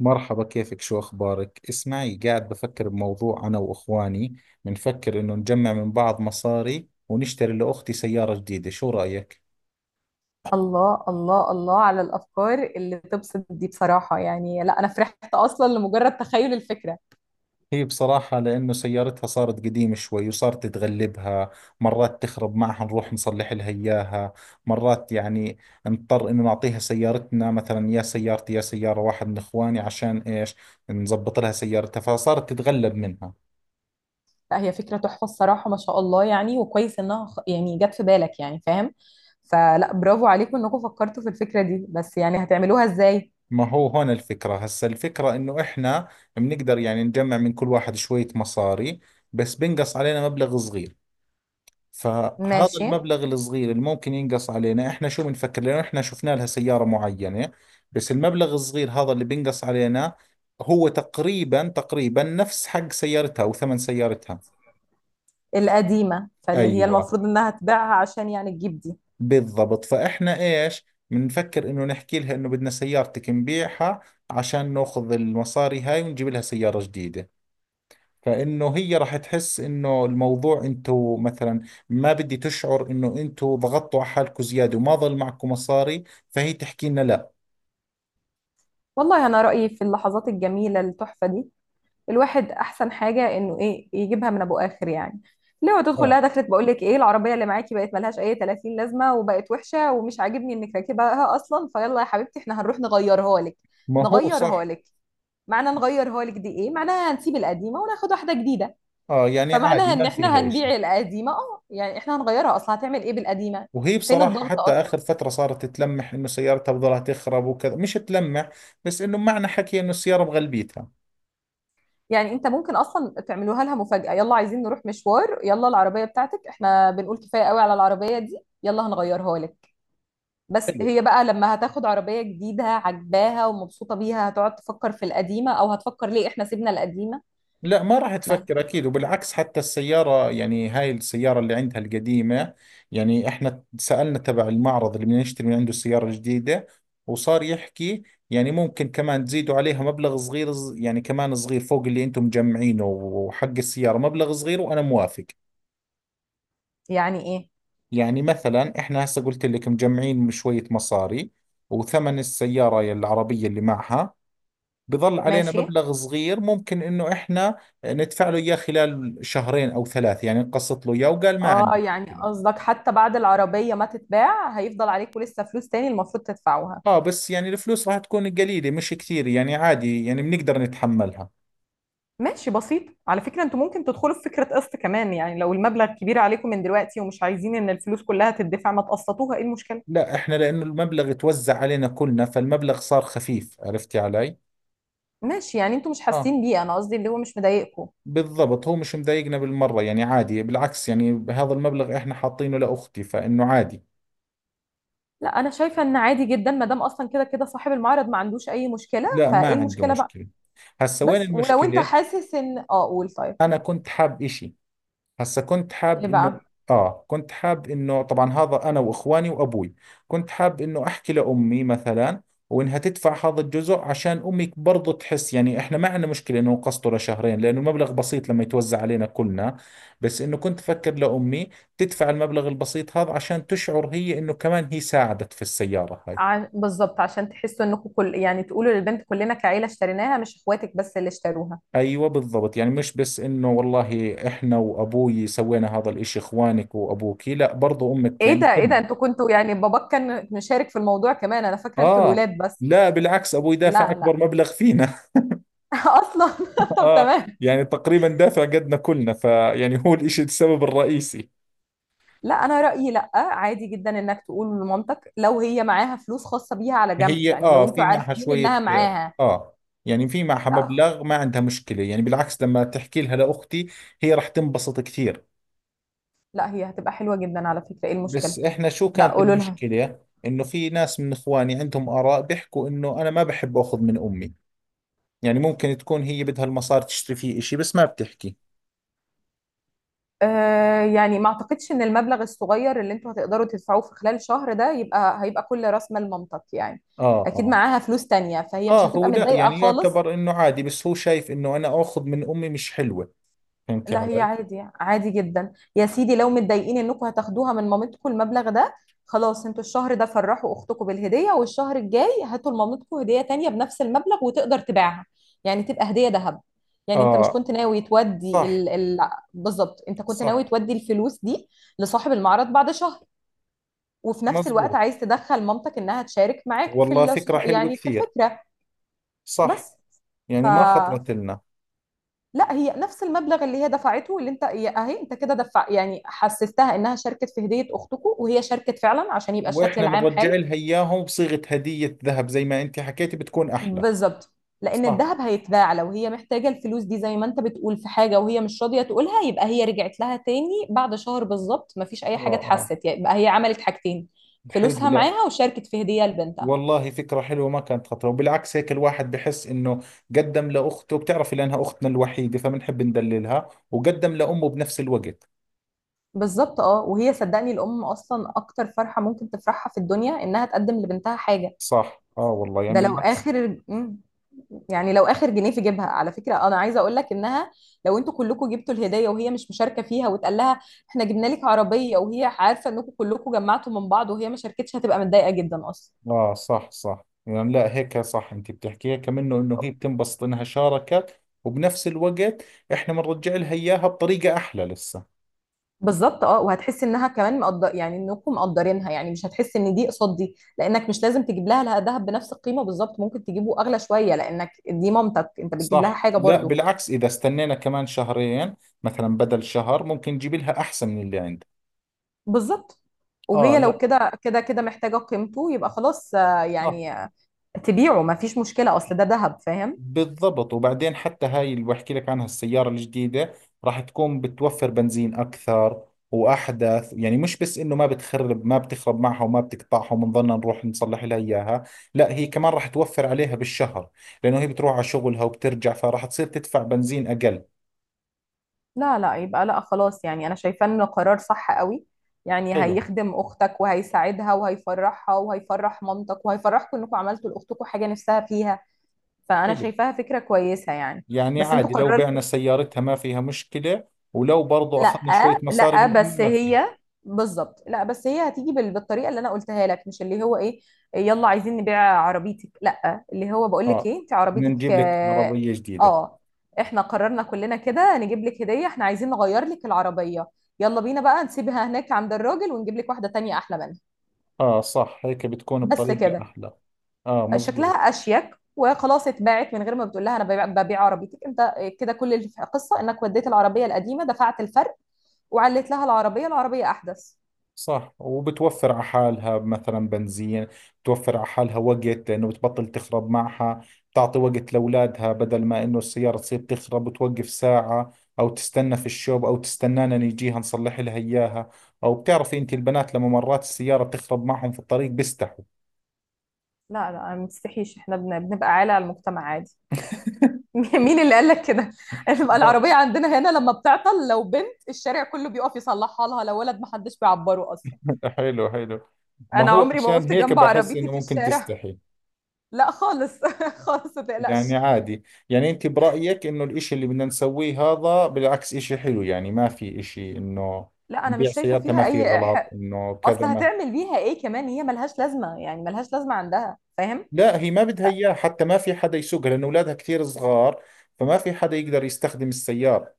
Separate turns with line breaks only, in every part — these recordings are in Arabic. مرحبا، كيفك؟ شو أخبارك؟ اسمعي، قاعد بفكر بموضوع أنا وإخواني. بنفكر إنه نجمع من بعض مصاري ونشتري لأختي سيارة جديدة، شو رأيك؟
الله الله الله على الافكار اللي تبسط دي بصراحه، يعني لا انا فرحت اصلا لمجرد تخيل الفكره.
هي بصراحة، لأنه سيارتها صارت قديمة شوي وصارت تتغلبها. مرات تخرب معها، نروح نصلح لها إياها. مرات يعني نضطر إنه نعطيها سيارتنا، مثلا يا سيارتي يا سيارة واحد من إخواني، عشان إيش؟ نظبط لها سيارتها، فصارت تتغلب منها.
لا هي فكره تحفه الصراحه ما شاء الله، يعني وكويس انها يعني جت في بالك، يعني فاهم. فلا برافو عليكم انكم فكرتوا في الفكره دي، بس يعني هتعملوها ازاي؟
ما هو هون الفكرة، هسا الفكرة انه احنا بنقدر يعني نجمع من كل واحد شوية مصاري، بس بنقص علينا مبلغ صغير. فهذا
ماشي.
المبلغ الصغير اللي ممكن ينقص علينا، احنا شو بنفكر؟ لانه احنا شفنا لها سيارة معينة، بس المبلغ الصغير هذا اللي بينقص علينا هو تقريبا تقريبا نفس حق سيارتها او ثمن سيارتها.
القديمه فاللي هي
ايوه،
المفروض انها تبيعها عشان يعني تجيب دي.
بالضبط. فاحنا ايش بنفكر؟ انه نحكي لها انه بدنا سيارتك نبيعها عشان ناخذ المصاري هاي ونجيب لها سيارة جديدة. فانه هي راح تحس انه الموضوع انتو مثلا، ما بدي تشعر انه انتو ضغطتوا على حالكم زياده وما ضل معكم مصاري، فهي تحكي لنا لا.
والله انا رايي في اللحظات الجميله التحفه دي الواحد احسن حاجه انه ايه يجيبها من ابو اخر يعني. لو تدخل
اه،
لها دخلت بقول لك ايه، العربيه اللي معاكي بقت ملهاش اي 30 لازمه وبقت وحشه ومش عاجبني انك راكبها اصلا، فيلا يا حبيبتي احنا هنروح نغيرها لك.
ما هو
نغيرها
صح.
لك، معنى نغيرها لك دي ايه معناها؟ هنسيب القديمه وناخد واحده جديده.
اه يعني عادي،
فمعناها ان
ما
احنا
فيها اشي.
هنبيع القديمه، اه يعني احنا هنغيرها اصلا، هتعمل ايه بالقديمه؟
وهي
فين
بصراحة
الضغط
حتى
اصلا؟
آخر فترة صارت تلمح إنه سيارتها بضلها تخرب وكذا، مش تلمح بس إنه معنى حكي إنه السيارة بغلبيتها.
يعني انت ممكن اصلا تعملوها لها مفاجاه، يلا عايزين نروح مشوار يلا العربيه بتاعتك احنا بنقول كفايه قوي على العربيه دي، يلا هنغيرها لك. بس
حلو.
هي بقى لما هتاخد عربية جديدة عجباها ومبسوطة بيها هتقعد تفكر في القديمة، او هتفكر ليه احنا سيبنا القديمة؟
لا، ما راح
ما
تفكر اكيد. وبالعكس حتى السياره، يعني هاي السياره اللي عندها القديمه، يعني احنا سالنا تبع المعرض اللي بدنا نشتري من عنده السياره الجديده، وصار يحكي يعني ممكن كمان تزيدوا عليها مبلغ صغير يعني كمان صغير فوق اللي انتم مجمعينه، وحق السياره مبلغ صغير، وانا موافق.
يعني ايه؟
يعني مثلا احنا هسه قلت لك مجمعين شويه مصاري، وثمن السياره العربيه اللي معها بظل علينا
ماشي.
مبلغ صغير ممكن انه احنا ندفع له اياه خلال شهرين او ثلاث، يعني نقسط له اياه، وقال ما
اه
عندي
يعني
مشكلة.
قصدك حتى بعد العربية ما تتباع هيفضل عليكم لسه فلوس تاني المفروض تدفعوها.
اه، بس يعني الفلوس راح تكون قليلة، مش كثير، يعني عادي، يعني بنقدر نتحملها.
ماشي بسيط، على فكرة انتوا ممكن تدخلوا في فكرة قسط كمان، يعني لو المبلغ كبير عليكم من دلوقتي ومش عايزين ان الفلوس كلها تدفع ما تقسطوها، ايه المشكلة؟
لا احنا لانه المبلغ توزع علينا كلنا، فالمبلغ صار خفيف، عرفتي علي؟
ماشي، يعني انتوا مش
اه،
حاسين بيه، انا قصدي اللي هو مش مضايقكم.
بالضبط. هو مش مضايقنا بالمرة، يعني عادي، بالعكس، يعني هذا المبلغ احنا حاطينه لاختي فانه عادي.
لا انا شايفه ان عادي جدا ما دام اصلا كده كده صاحب المعرض ما عندوش اي مشكله،
لا، ما
فايه
عنده
المشكله بقى؟
مشكلة. هسا وين
بس ولو انت
المشكلة؟
حاسس ان اه قول طيب.
انا كنت حاب اشي، هسا كنت حاب
ايه بقى؟
انه اه كنت حاب انه طبعا هذا انا واخواني وابوي، كنت حاب انه احكي لامي مثلا، وانها تدفع هذا الجزء، عشان امي برضه تحس يعني احنا ما عندنا مشكله انه نقسطه لشهرين، لانه المبلغ بسيط لما يتوزع علينا كلنا. بس انه كنت افكر لامي تدفع المبلغ البسيط هذا عشان تشعر هي انه كمان هي ساعدت في السياره هاي.
بالظبط عشان تحسوا انكم كل يعني تقولوا للبنت كلنا كعيله اشتريناها مش اخواتك بس اللي اشتروها.
ايوه، بالضبط، يعني مش بس انه والله احنا وابوي سوينا هذا الاشي، اخوانك وابوكي، لا برضو امك،
ايه
يعني
ده ايه ده،
كلنا.
انتوا كنتوا يعني باباك كان مشارك في الموضوع كمان؟ انا فاكره انتوا
آه،
الولاد بس.
لا بالعكس، أبوي دافع
لا
أكبر
لا.
مبلغ فينا.
اصلا. طب
آه،
تمام.
يعني تقريبا دافع قدنا كلنا، فيعني هو الإشي السبب الرئيسي.
لا انا رايي لا عادي جدا انك تقول لمامتك لو هي معاها فلوس خاصه بيها على جنب،
هي
يعني لو انتوا
في معها
عارفين
شوية.
انها معاها.
آه، يعني في معها
لا
مبلغ، ما عندها مشكلة، يعني بالعكس لما تحكي لها لأختي هي راح تنبسط كثير.
لا هي هتبقى حلوة جدا على فكرة، ايه
بس
المشكلة؟
إحنا شو
لا
كانت
قولوا لها.
المشكلة؟ إنه في ناس من إخواني عندهم آراء بيحكوا إنه أنا ما بحب أخذ من أمي، يعني ممكن تكون هي بدها المصاري تشتري فيه إشي بس ما بتحكي.
آه يعني ما اعتقدش ان المبلغ الصغير اللي انتوا هتقدروا تدفعوه في خلال شهر ده يبقى هيبقى كل راس مال مامتك يعني.
آه
اكيد
آه.
معاها فلوس تانية فهي
اه،
مش هتبقى
هو لا
متضايقة
يعني
خالص.
يعتبر انه عادي، بس هو شايف انه انا اخذ من امي مش حلوة. فهمتي
لا هي
علي؟
عادي عادي جدا يا سيدي، لو متضايقين انكم هتاخدوها من مامتكم المبلغ ده خلاص انتوا الشهر ده فرحوا اختكم بالهديه والشهر الجاي هاتوا لمامتكم هديه تانية بنفس المبلغ وتقدر تبيعها، يعني تبقى هديه ذهب. يعني انت مش
اه
كنت ناوي تودي
صح
ال... ال... بالظبط انت كنت
صح،
ناوي تودي الفلوس دي لصاحب المعرض بعد شهر، وفي نفس الوقت
مزبوط،
عايز تدخل مامتك انها تشارك معاك في
والله
الصح...
فكرة حلوة
يعني في
كثير،
الفكره.
صح،
بس ف...
يعني ما خطرت لنا.
لا هي نفس المبلغ اللي هي دفعته اللي انت اهي انت كده دفع يعني حسستها انها شاركت في هدية اختكم، وهي شاركت فعلا عشان يبقى الشكل
واحنا
العام
بنرجع
حلو.
لها اياهم بصيغة هدية ذهب زي ما انت حكيتي بتكون احلى.
بالظبط، لان
صح.
الذهب هيتباع لو هي محتاجة الفلوس دي زي ما انت بتقول في حاجة وهي مش راضية تقولها، يبقى هي رجعت لها تاني بعد شهر بالظبط، مفيش اي
اه
حاجة
اه،
اتحست، يعني يبقى هي عملت حاجتين،
حلو.
فلوسها
لا،
معاها وشاركت في هدية لبنتها.
والله فكرة حلوة ما كانت خطرة، وبالعكس هيك الواحد بحس انه قدم لاخته، بتعرفي لانها اختنا الوحيدة فبنحب ندللها، وقدم لامه بنفس الوقت.
بالظبط اه، وهي صدقني الام اصلا اكتر فرحة ممكن تفرحها في الدنيا انها تقدم لبنتها حاجة.
صح، اه، والله يعني
ده لو
بالعكس.
اخر يعني لو اخر جنيه في جيبها، على فكره انا عايزه اقول لك انها لو انتوا كلكم جبتوا الهديه وهي مش مشاركه فيها واتقال لها احنا جبنا لك عربيه وهي عارفه انكم كلكم جمعتوا من بعض وهي ما شاركتش هتبقى متضايقه جدا اصلا.
اه صح صح، يعني لا، هيك صح، انت بتحكيها كمان انه هي بتنبسط انها شاركت، وبنفس الوقت احنا بنرجع لها اياها بطريقة احلى لسه.
بالظبط اه، وهتحس انها كمان مقدر يعني انكم مقدرينها، يعني مش هتحس ان دي قصاد دي لانك مش لازم تجيب لها دهب بنفس القيمه بالظبط، ممكن تجيبه اغلى شويه لانك دي مامتك انت بتجيب لها
صح.
حاجه
لا،
برضو.
بالعكس اذا استنينا كمان شهرين مثلا بدل شهر، ممكن نجيب لها احسن من اللي عندها.
بالظبط،
اه،
وهي لو
لا،
كده كده كده محتاجه قيمته يبقى خلاص آه،
صح،
يعني تبيعه ما فيش مشكلة أصل ده ذهب، فاهم؟
بالضبط. وبعدين حتى هاي اللي بحكي لك عنها السيارة الجديدة راح تكون بتوفر بنزين أكثر وأحدث، يعني مش بس إنه ما بتخرب، ما بتخرب معها وما بتقطعها وبنضلنا نروح نصلح لها إياها، لا هي كمان راح توفر عليها بالشهر، لأنه هي بتروح على شغلها وبترجع، فراح تصير تدفع بنزين أقل.
لا لا، يبقى لا خلاص يعني أنا شايفة إنه قرار صح قوي، يعني
حلو
هيخدم أختك وهيساعدها وهيفرحها وهيفرح مامتك وهيفرحكم إنكم عملتوا لأختكم حاجة نفسها فيها. فأنا
حلو،
شايفاها فكرة كويسة يعني.
يعني
بس أنتوا
عادي لو بعنا
قررتوا.
سيارتها ما فيها مشكلة، ولو برضو أخذنا شوية
لا
مصاري
لا
من أمي
بس
ما فيها.
هي، بالظبط لا بس هي هتيجي بالطريقه اللي انا قلتها لك مش اللي هو ايه يلا عايزين نبيع عربيتك، لا اللي هو بقول لك
آه،
ايه، انت
بدنا
عربيتك
نجيب لك
اه
عربية جديدة.
آه، احنا قررنا كلنا كده نجيب لك هديه احنا عايزين نغير لك العربيه، يلا بينا بقى نسيبها هناك عند الراجل ونجيب لك واحده تانية احلى منها.
آه، صح، هيك بتكون
بس
بطريقة
كده،
أحلى. آه،
شكلها
مزبوط،
اشيك وخلاص اتباعت من غير ما بتقول لها انا ببيع عربيتك، انت كده كل القصه انك وديت العربيه القديمه دفعت الفرق وعلت لها العربيه احدث.
صح. وبتوفر على حالها مثلا بنزين، بتوفر على حالها وقت، لأنه بتبطل تخرب معها، بتعطي وقت لأولادها بدل ما إنه السيارة تصير تخرب وتوقف ساعة، أو تستنى في الشوب، أو تستنانا نيجيها نصلح لها إياها. أو بتعرفي أنت البنات لما مرات السيارة بتخرب معهم في الطريق بيستحوا.
لا لا ما تستحيش احنا بنبقى عالة على المجتمع عادي. مين اللي قال لك كده؟ بتبقى
ما-
العربية عندنا هنا لما بتعطل لو بنت الشارع كله بيقف يصلحها لها، لو ولد محدش بيعبره أصلا.
حلو حلو. ما
أنا
هو
عمري ما
عشان
وقفت
هيك
جنب
بحس
عربيتي
إنه
في
ممكن
الشارع.
تستحي.
لا خالص خالص ما
يعني
تقلقش.
عادي، يعني انت برأيك انه الاشي اللي بدنا نسويه هذا بالعكس اشي حلو، يعني ما في اشي انه
لا أنا مش
نبيع
شايفة
سيارتها
فيها
ما في
أي
غلط
حق،
انه كذا
أصل
ما.
هتعمل بيها إيه كمان هي ملهاش لازمة، يعني ملهاش لازمة عندها، فاهم؟
لا، هي ما بدها اياه حتى، ما في حدا يسوقها لانه اولادها كثير صغار، فما في حدا يقدر يستخدم السيارة.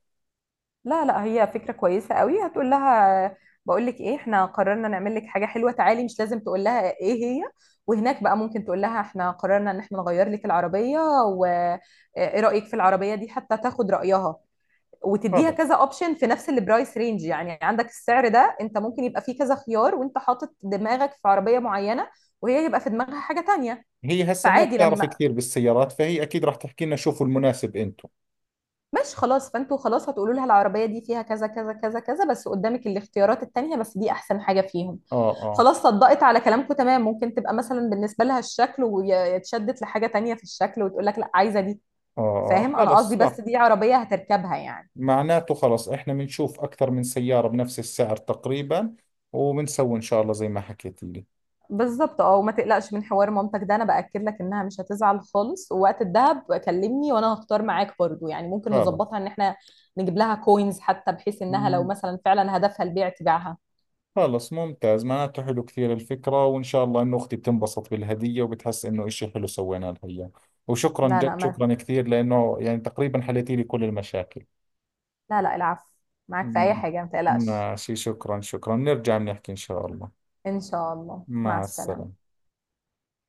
لا لا هي فكرة كويسة قوي هتقول لها، بقول لك ايه احنا قررنا نعمل لك حاجة حلوة تعالي، مش لازم تقول لها ايه هي. وهناك بقى ممكن تقول لها احنا قررنا ان احنا نغير لك العربية، وايه رأيك في العربية دي، حتى تاخد رأيها وتديها
خلص،
كذا اوبشن في نفس البرايس رينج، يعني عندك السعر ده انت ممكن يبقى فيه كذا خيار وانت حاطط دماغك في عربية معينة وهي يبقى في دماغها حاجة تانية.
هي هسه ما
فعادي
بتعرف
لما،
كثير بالسيارات، فهي اكيد راح تحكي لنا شوفوا المناسب انتم.
ماشي خلاص فانتوا خلاص هتقولوا لها العربية دي فيها كذا كذا كذا كذا بس قدامك الاختيارات التانية، بس دي احسن حاجة فيهم.
اه اه
خلاص صدقت على كلامكم تمام، ممكن تبقى مثلا بالنسبة لها الشكل ويتشدت لحاجة تانية في الشكل وتقول لك لا عايزة دي،
اه اه،
فاهم انا قصدي؟
خلص، صح،
بس دي عربية هتركبها يعني.
معناته خلص احنا بنشوف اكثر من سيارة بنفس السعر تقريبا، وبنسوي ان شاء الله زي ما حكيت لي.
بالظبط اه، وما تقلقش من حوار مامتك ده، انا باكد لك انها مش هتزعل خالص، ووقت الدهب كلمني وانا هختار معاك برضو، يعني ممكن
خلص.
نظبطها ان احنا نجيب لها كوينز حتى بحيث انها لو
مم،
مثلا فعلا هدفها البيع تبيعها.
خلص، ممتاز، معناته حلو كثير الفكرة، وإن شاء الله إنه أختي بتنبسط بالهدية وبتحس إنه إشي حلو سوينا لها إياه. وشكرا،
لا
جد
لا ما،
شكرا كثير، لأنه يعني تقريبا حليتي لي كل المشاكل.
لا لا العفو، معاك في اي
مم،
حاجة ما تقلقش.
ماشي، شكرا شكرا، نرجع بنحكي إن شاء الله.
ان شاء الله مع
مع
السلامة.
السلامة.